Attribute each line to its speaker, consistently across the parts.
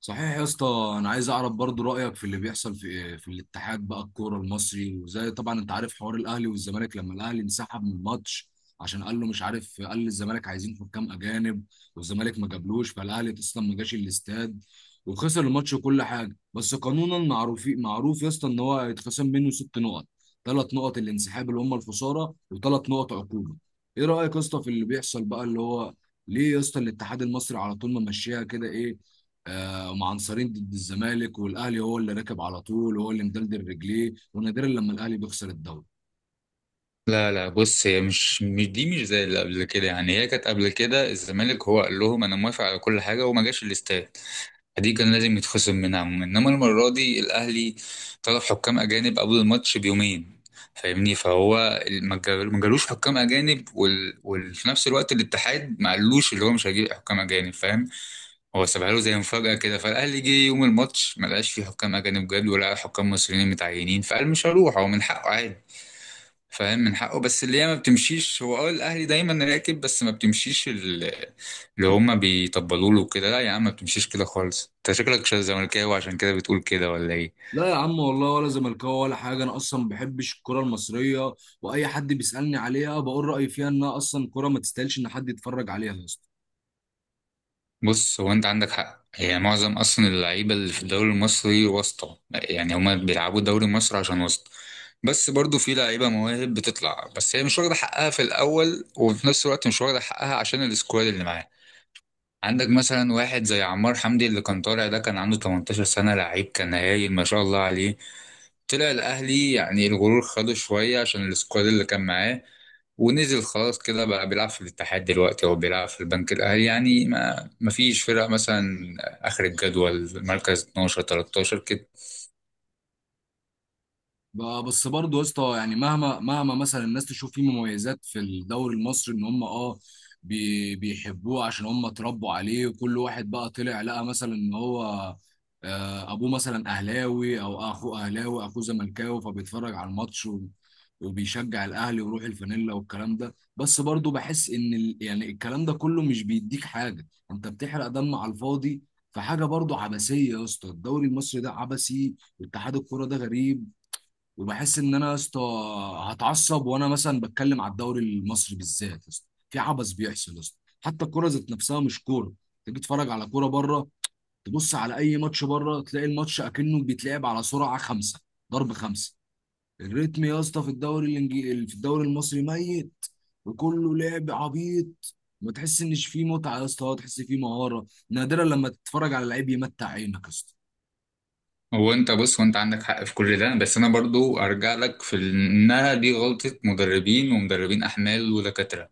Speaker 1: صحيح يا اسطى، انا عايز اعرف برضو رايك في اللي بيحصل في الاتحاد بقى، الكوره المصري. وزي طبعا انت عارف، حوار الاهلي والزمالك لما الاهلي انسحب من الماتش عشان قال له، مش عارف، قال للزمالك عايزين حكام اجانب. والزمالك ما جابلوش، فالاهلي اصلا ما جاش الاستاد وخسر الماتش وكل حاجه. بس قانونا معروف معروف يا اسطى ان هو هيتخصم منه 6 نقط، 3 نقط الانسحاب اللي هم الخساره، و3 نقط عقوبه. ايه رايك يا اسطى في اللي بيحصل بقى؟ اللي هو ليه يا اسطى الاتحاد المصري على طول ما ماشيها كده؟ ايه، هم عنصرين ضد الزمالك، والاهلي هو اللي راكب على طول، وهو اللي مدلدل رجليه، ونادرا لما الاهلي بيخسر الدوري.
Speaker 2: لا لا، بص. هي دي مش زي اللي قبل كده. يعني هي كانت قبل كده الزمالك هو قال لهم انا موافق على كل حاجه وما جاش الاستاد، دي كان لازم يتخصم منها عموما. انما المره دي الاهلي طلب حكام اجانب قبل الماتش بيومين، فاهمني؟ فهو ما جالوش حكام اجانب وفي نفس الوقت الاتحاد ما قالوش اللي هو مش هيجيب حكام اجانب، فاهم؟ هو سابها له زي مفاجاه كده. فالاهلي جه يوم الماتش ما لقاش فيه حكام اجانب، جاب ولا حكام مصريين متعينين، فقال مش هروح. هو من حقه عادي، فاهم، من حقه. بس اللي هي ما بتمشيش. هو اه، الاهلي دايما راكب، بس ما بتمشيش اللي هما بيطبلوا له كده. لا يا عم، ما بتمشيش كده خالص. انت شكلك شاذ زملكاوي عشان كده بتقول كده ولا ايه؟
Speaker 1: لا يا عم والله، ولا زملكاوي ولا حاجه، انا اصلا ما بحبش الكره المصريه. واي حد بيسالني عليها بقول رايي فيها، انها اصلا كره ما تستاهلش ان حد يتفرج عليها.
Speaker 2: بص، هو انت عندك حق. هي معظم اصلا اللعيبه اللي في الدوري المصري واسطه. يعني هما بيلعبوا الدوري المصري عشان واسطه. بس برضو في لعيبه مواهب بتطلع، بس هي مش واخده حقها في الاول، وفي نفس الوقت مش واخده حقها عشان السكواد اللي معاها. عندك مثلا واحد زي عمار حمدي اللي كان طالع، ده كان عنده 18 سنة. لعيب كان هايل ما شاء الله عليه. طلع الأهلي، يعني الغرور خده شوية عشان السكواد اللي كان معاه، ونزل خلاص كده. بقى بيلعب في الاتحاد دلوقتي أو بيلعب في البنك الأهلي، يعني ما فيش فرق. مثلا آخر الجدول، مركز 12 13 كده.
Speaker 1: بس برضه يا اسطى يعني، مهما مهما مثلا الناس تشوف فيه مميزات في الدوري المصري، ان هم، بيحبوه عشان هم اتربوا عليه، وكل واحد بقى طلع لقى مثلا ان هو، ابوه مثلا اهلاوي او اخوه اهلاوي اخوه زملكاوي، فبيتفرج على الماتش وبيشجع الاهلي ويروح الفانيلا والكلام ده. بس برضه بحس ان يعني الكلام ده كله مش بيديك حاجه، انت بتحرق دم على الفاضي. فحاجه برضه عبثيه يا اسطى، الدوري المصري ده عبثي، واتحاد الكوره ده غريب. وبحس ان انا يا اسطى هتعصب وانا مثلا بتكلم على الدوري المصري بالذات، يا اسطى في عبث بيحصل، يا اسطى حتى الكوره ذات نفسها مش كوره. تيجي تتفرج على كوره بره، تبص على اي ماتش بره تلاقي الماتش اكنه بيتلعب على سرعه 5 ضرب 5. الريتم يا اسطى في الدوري الانجليزي، في الدوري المصري ميت. وكله لعب عبيط، ما تحس انش فيه متعه يا اسطى، تحس فيه مهاره، نادرا لما تتفرج على لعيب يمتع عينك يا اسطى.
Speaker 2: هو انت بص، وانت عندك حق في كل ده، بس انا برضو ارجع لك في انها دي غلطة مدربين ومدربين احمال ودكاترة.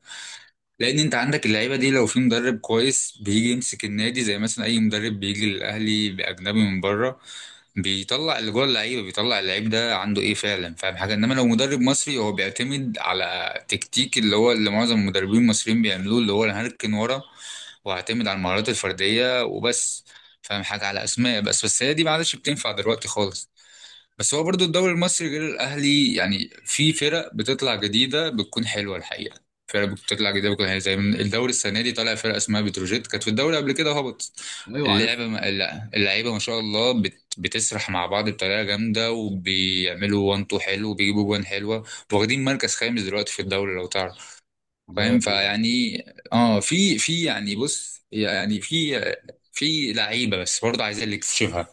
Speaker 2: لان انت عندك اللعيبه دي لو في مدرب كويس بيجي يمسك النادي، زي مثلا اي مدرب بيجي للاهلي باجنبي من بره، بيطلع اللي جوه اللعيبه، بيطلع اللعيب ده عنده ايه فعلا، فاهم حاجه؟ انما لو مدرب مصري هو بيعتمد على تكتيك، اللي هو اللي معظم المدربين المصريين بيعملوه، اللي هو انا هركن ورا واعتمد على المهارات الفرديه وبس، فاهم حاجه؟ على اسماء بس هي دي ما عادش بتنفع دلوقتي خالص. بس هو برضو الدوري المصري غير الاهلي، يعني في فرق بتطلع جديده بتكون حلوه الحقيقه. فرق بتطلع جديده بتكون حلوه، زي من الدوري السنه دي طالع فرقه اسمها بتروجيت، كانت في الدوري قبل كده هبط.
Speaker 1: ايوه، عارف.
Speaker 2: اللعبه ما... لا، اللعيبه ما شاء الله بتسرح مع بعض بطريقه جامده، وبيعملوا وان تو حلو، وبيجيبوا جوان حلوه، واخدين مركز خامس دلوقتي في الدوري لو تعرف.
Speaker 1: الله.
Speaker 2: فاهم؟ فيعني اه، في يعني بص، يعني في لعيبه، بس برضه عايزين اللي يكتشفها.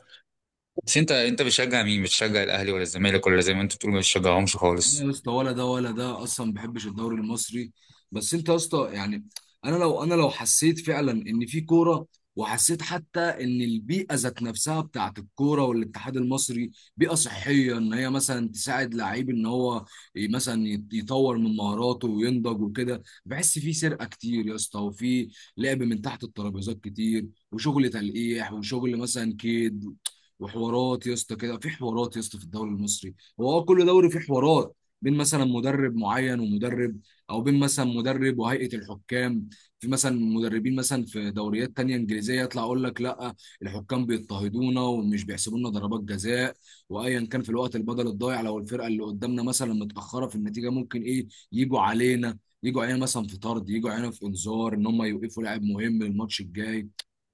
Speaker 2: بس انت، انت بتشجع مين؟ بتشجع الاهلي ولا الزمالك، ولا زي ما انت بتقول ما بتشجعهمش
Speaker 1: لا
Speaker 2: خالص؟
Speaker 1: يا اسطى، ولا ده ولا ده، اصلا ما بحبش الدوري المصري. بس انت يا اسطى يعني، انا لو حسيت فعلا ان في كوره، وحسيت حتى ان البيئه ذات نفسها بتاعت الكوره والاتحاد المصري بيئه صحيه، ان هي مثلا تساعد لعيب ان هو مثلا يطور من مهاراته وينضج وكده. بحس في سرقه كتير يا اسطى، وفي لعب من تحت الترابيزات كتير، وشغل تلقيح، وشغل مثلا كيد، وحوارات يا اسطى كده، في حوارات يا اسطى في الدوري المصري. هو كل دوري فيه حوارات، بين مثلا مدرب معين ومدرب، او بين مثلا مدرب وهيئه الحكام. في مثلا مدربين مثلا في دوريات تانية انجليزيه يطلع اقول لك، لا الحكام بيضطهدونا ومش بيحسبوا لنا ضربات جزاء، وايا كان في الوقت البدل الضايع لو الفرقه اللي قدامنا مثلا متاخره في النتيجه، ممكن ايه، يجوا علينا مثلا في طرد، يجوا علينا في انذار ان هم يوقفوا لاعب مهم للماتش الجاي.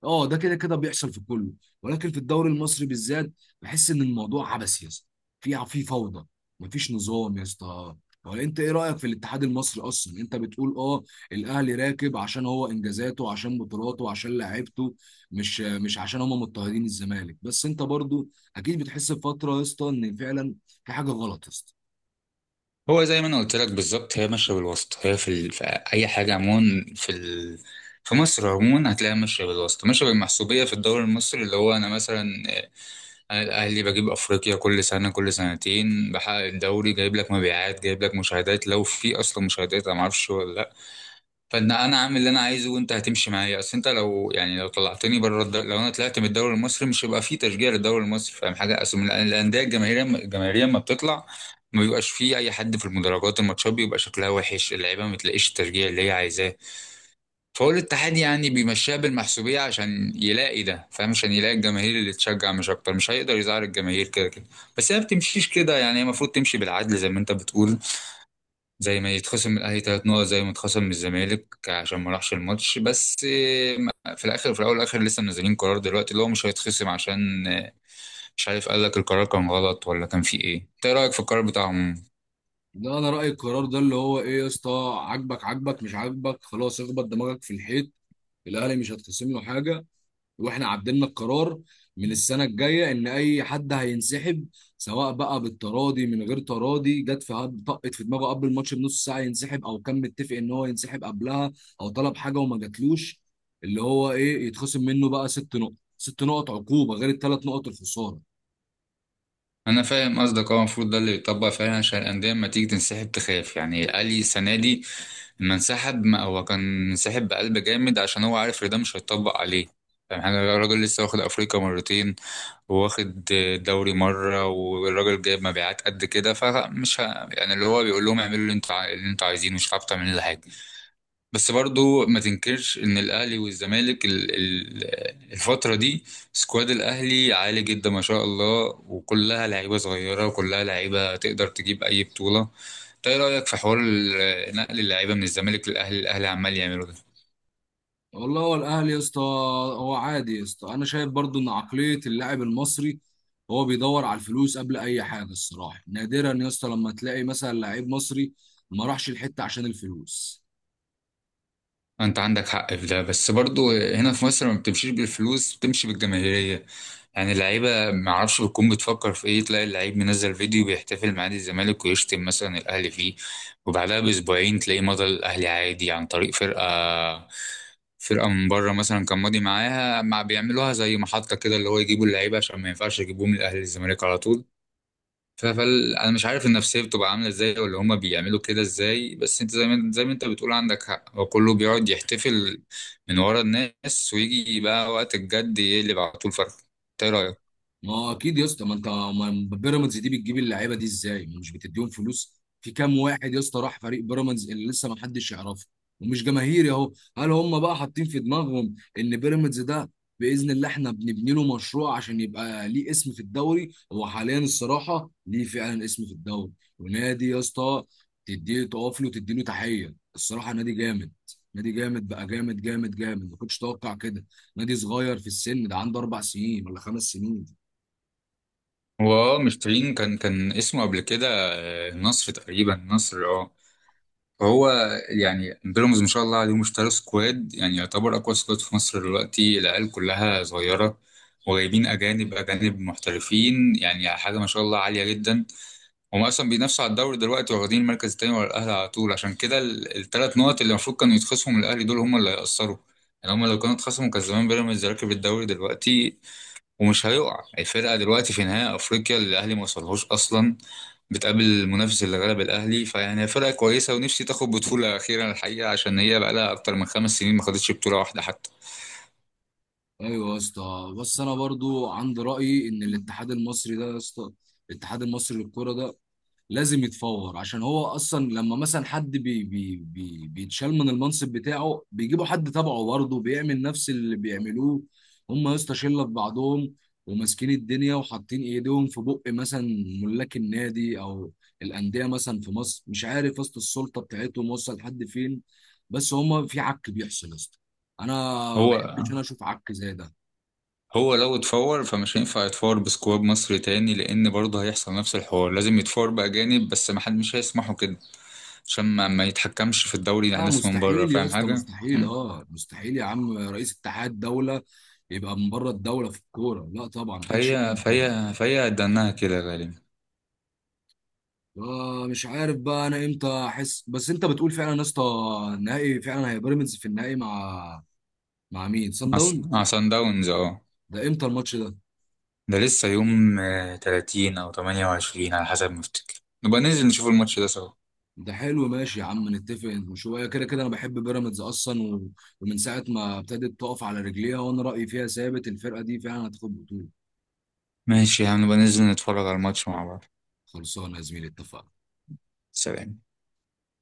Speaker 1: اه ده كده كده بيحصل في كله، ولكن في الدوري المصري بالذات بحس ان الموضوع عبثي يا اسطى. في فوضى، مفيش نظام يا اسطى. هو انت ايه رايك في الاتحاد المصري اصلا؟ انت بتقول الاهلي راكب عشان هو انجازاته، عشان بطولاته، عشان لعيبته، مش عشان هم مضطهدين الزمالك. بس انت برضو اكيد بتحس بفتره يا اسطى ان فعلا في حاجه غلط يا اسطى.
Speaker 2: هو زي ما انا قلت لك بالظبط، هي ماشيه بالوسط. هي في اي حاجه عموما، في مصر عموما هتلاقيها ماشيه بالوسط، ماشيه بالمحسوبيه. في الدوري المصري اللي هو، انا مثلا آه، انا الاهلي بجيب افريقيا كل سنه، كل سنتين بحقق الدوري، جايب لك مبيعات، جايب لك مشاهدات، لو في اصلا مشاهدات انا ما اعرفش ولا لا. فان انا عامل اللي انا عايزه وانت هتمشي معايا. اصل انت لو، يعني لو طلعتني بره لو انا طلعت من الدوري المصري، مش هيبقى فيه تشجيع للدوري المصري، فاهم حاجه؟ اصل الانديه الجماهيريه، الجماهيريه لما بتطلع ما بيبقاش فيه اي حد في المدرجات، الماتشات بيبقى شكلها وحش، اللعيبه ما تلاقيش التشجيع اللي هي عايزاه. فهو الاتحاد يعني بيمشيها بالمحسوبيه عشان يلاقي ده، فاهم، عشان يلاقي الجماهير اللي تشجع، مش اكتر. مش هيقدر يزعل الجماهير، كده كده. بس هي ما بتمشيش كده. يعني هي المفروض تمشي بالعدل زي ما انت بتقول. زي ما يتخصم من الاهلي 3 نقط زي ما اتخصم من الزمالك عشان ما راحش الماتش. بس في الاخر، في الاول والاخر لسه منزلين قرار دلوقتي، اللي هو مش هيتخصم، عشان مش عارف، قال لك القرار كان غلط، ولا كان فيه ايه؟ انت إيه رايك في القرار بتاعهم؟
Speaker 1: ده انا رايي القرار ده اللي هو ايه يا اسطى، عاجبك عاجبك، مش عاجبك خلاص اخبط دماغك في الحيط. الاهلي مش هتخصم له حاجه، واحنا عدلنا القرار من السنه الجايه ان اي حد هينسحب، سواء بقى بالتراضي، من غير تراضي، طقت في دماغه قبل الماتش بنص ساعه ينسحب، او كان متفق ان هو ينسحب قبلها، او طلب حاجه وما جاتلوش، اللي هو ايه، يتخصم منه بقى 6 نقط، 6 نقط عقوبه غير ال3 نقط الخساره.
Speaker 2: انا فاهم قصدك. هو المفروض ده اللي يتطبق فعلا، عشان الانديه لما تيجي تنسحب تخاف. يعني الاهلي السنه دي لما انسحب، ما هو كان انسحب بقلب جامد عشان هو عارف ان ده مش هيتطبق عليه، فاهم حاجه؟ الراجل لسه واخد افريقيا مرتين، واخد دوري مرة، والراجل جايب مبيعات قد كده. يعني اللي هو بيقول لهم اعملوا اللي اللي انتوا عايزينه، مش هتعرفوا تعملوا لي حاجة. بس برضو ما تنكرش ان الاهلي والزمالك الفترة دي سكواد الاهلي عالي جدا ما شاء الله، وكلها لعيبة صغيرة، وكلها لعيبة تقدر تجيب اي بطولة. إنت ايه رأيك في حوار نقل اللعيبة من الزمالك للاهلي، الاهلي عمال يعمله ده؟
Speaker 1: والله هو الاهلي يا اسطى، هو عادي يا اسطى. انا شايف برضو ان عقليه اللاعب المصري، هو بيدور على الفلوس قبل اي حاجه الصراحه، نادرا يا اسطى لما تلاقي مثلا لعيب مصري ما راحش الحته عشان الفلوس.
Speaker 2: انت عندك حق في ده، بس برضو هنا في مصر ما بتمشيش بالفلوس، بتمشي بالجماهيريه. يعني اللعيبه ما اعرفش بتكون بتفكر في ايه، تلاقي اللعيب منزل فيديو بيحتفل مع نادي الزمالك ويشتم مثلا الاهلي فيه، وبعدها باسبوعين تلاقيه مضى الاهلي عادي عن طريق فرقه، فرقه من بره مثلا كان ماضي معاها، مع بيعملوها زي محطه كده، اللي هو يجيبوا اللعيبه عشان ما ينفعش يجيبوهم الاهلي الزمالك على طول. ف- فال انا مش عارف النفسيه بتبقى عامله ازاي، ولا هما بيعملوا كده ازاي. بس انت زي ما انت بتقول عندك حق، هو كله بيقعد يحتفل من ورا الناس، ويجي بقى وقت الجد يقلب على طول فرق. انت ايه رايك؟
Speaker 1: ما هو اكيد يا اسطى، ما انت ما بيراميدز دي بتجيب اللعيبه دي ازاي؟ ما مش بتديهم فلوس؟ في كام واحد يا اسطى راح فريق بيراميدز اللي لسه ما حدش يعرفه ومش جماهيري اهو. هل هم بقى حاطين في دماغهم ان بيراميدز ده باذن الله احنا بنبني له مشروع عشان يبقى ليه اسم في الدوري؟ هو حاليا الصراحه ليه فعلا اسم في الدوري، ونادي يا اسطى تديه تقف له وتدي له تحيه الصراحه. نادي جامد، نادي جامد بقى، جامد جامد جامد، ما كنتش اتوقع كده. نادي صغير في السن، ده عنده 4 سنين ولا 5 سنين.
Speaker 2: هو اه، مشترين. كان اسمه قبل كده النصر تقريبا، النصر اه. هو يعني بيراميدز ما شاء الله عليهم اشتروا سكواد، يعني يعتبر اقوى سكواد في مصر دلوقتي. العيال كلها صغيره، وجايبين اجانب، اجانب محترفين، يعني حاجه ما شاء الله عاليه جدا. هم اصلا بينافسوا على الدوري دلوقتي، واخدين المركز التاني ورا الاهلي على طول. عشان كده الثلاث نقط اللي المفروض كانوا يتخصموا من الاهلي دول هم اللي هيأثروا. يعني هم لو كانوا اتخصموا كان زمان بيراميدز راكب الدوري دلوقتي، ومش هيقع الفرقه دلوقتي في نهائي افريقيا اللي الاهلي ما وصلهوش اصلا، بتقابل المنافس اللي غلب الاهلي. فيعني هي فرقه كويسه، ونفسي تاخد بطوله اخيرا الحقيقه، عشان هي بقى لها اكتر من 5 سنين ما خدتش بطوله واحده حتى.
Speaker 1: ايوه يا اسطى، بس انا برضو عندي رايي ان الاتحاد المصري ده يا اسطى، الاتحاد المصري للكوره ده لازم يتفور، عشان هو اصلا لما مثلا حد بي بي بي بيتشال من المنصب بتاعه، بيجيبوا حد تبعه برضه بيعمل نفس اللي بيعملوه. هم يا اسطى شله في بعضهم، وماسكين الدنيا، وحاطين ايديهم في بق مثلا ملاك النادي، او الانديه مثلا في مصر. مش عارف يا اسطى السلطه بتاعتهم وصل لحد فين. بس هم في عك بيحصل يا اسطى، انا ما
Speaker 2: هو
Speaker 1: بحبش انا اشوف عك زي ده.
Speaker 2: هو لو اتفور فمش هينفع يتفور بسكواد مصري تاني، لان برضه هيحصل نفس الحوار. لازم يتفور باجانب، بس ما حد مش هيسمحوا كده، عشان ما يتحكمش في الدوري على
Speaker 1: لا
Speaker 2: ناس من بره،
Speaker 1: مستحيل يا
Speaker 2: فاهم
Speaker 1: اسطى،
Speaker 2: حاجه؟
Speaker 1: مستحيل،
Speaker 2: مم.
Speaker 1: مستحيل يا عم، رئيس اتحاد دولة يبقى من بره الدولة في الكورة؟ لا طبعا، محدش
Speaker 2: فهي
Speaker 1: يعمل كده.
Speaker 2: فهي فهي دناها كده غالبا.
Speaker 1: آه، مش عارف بقى انا امتى احس، بس انت بتقول فعلا يا اسطى النهائي فعلا، هي بيراميدز في النهائي مع مين، سان داون؟
Speaker 2: مع صن داونز اه.
Speaker 1: ده امتى الماتش ده؟
Speaker 2: ده لسه يوم 30 او 28 على حسب ما افتكر. نبقى ننزل نشوف الماتش ده سوا.
Speaker 1: ده حلو، ماشي يا عم، نتفق شويه، كده كده انا بحب بيراميدز اصلا ومن ساعه ما ابتدت تقف على رجليها وانا رايي فيها ثابت، الفرقه دي فعلا هتاخد بطوله.
Speaker 2: ماشي يا عم، نبقى ننزل نتفرج على الماتش مع بعض.
Speaker 1: خلصانه يا زميلي، اتفقنا.
Speaker 2: سلام.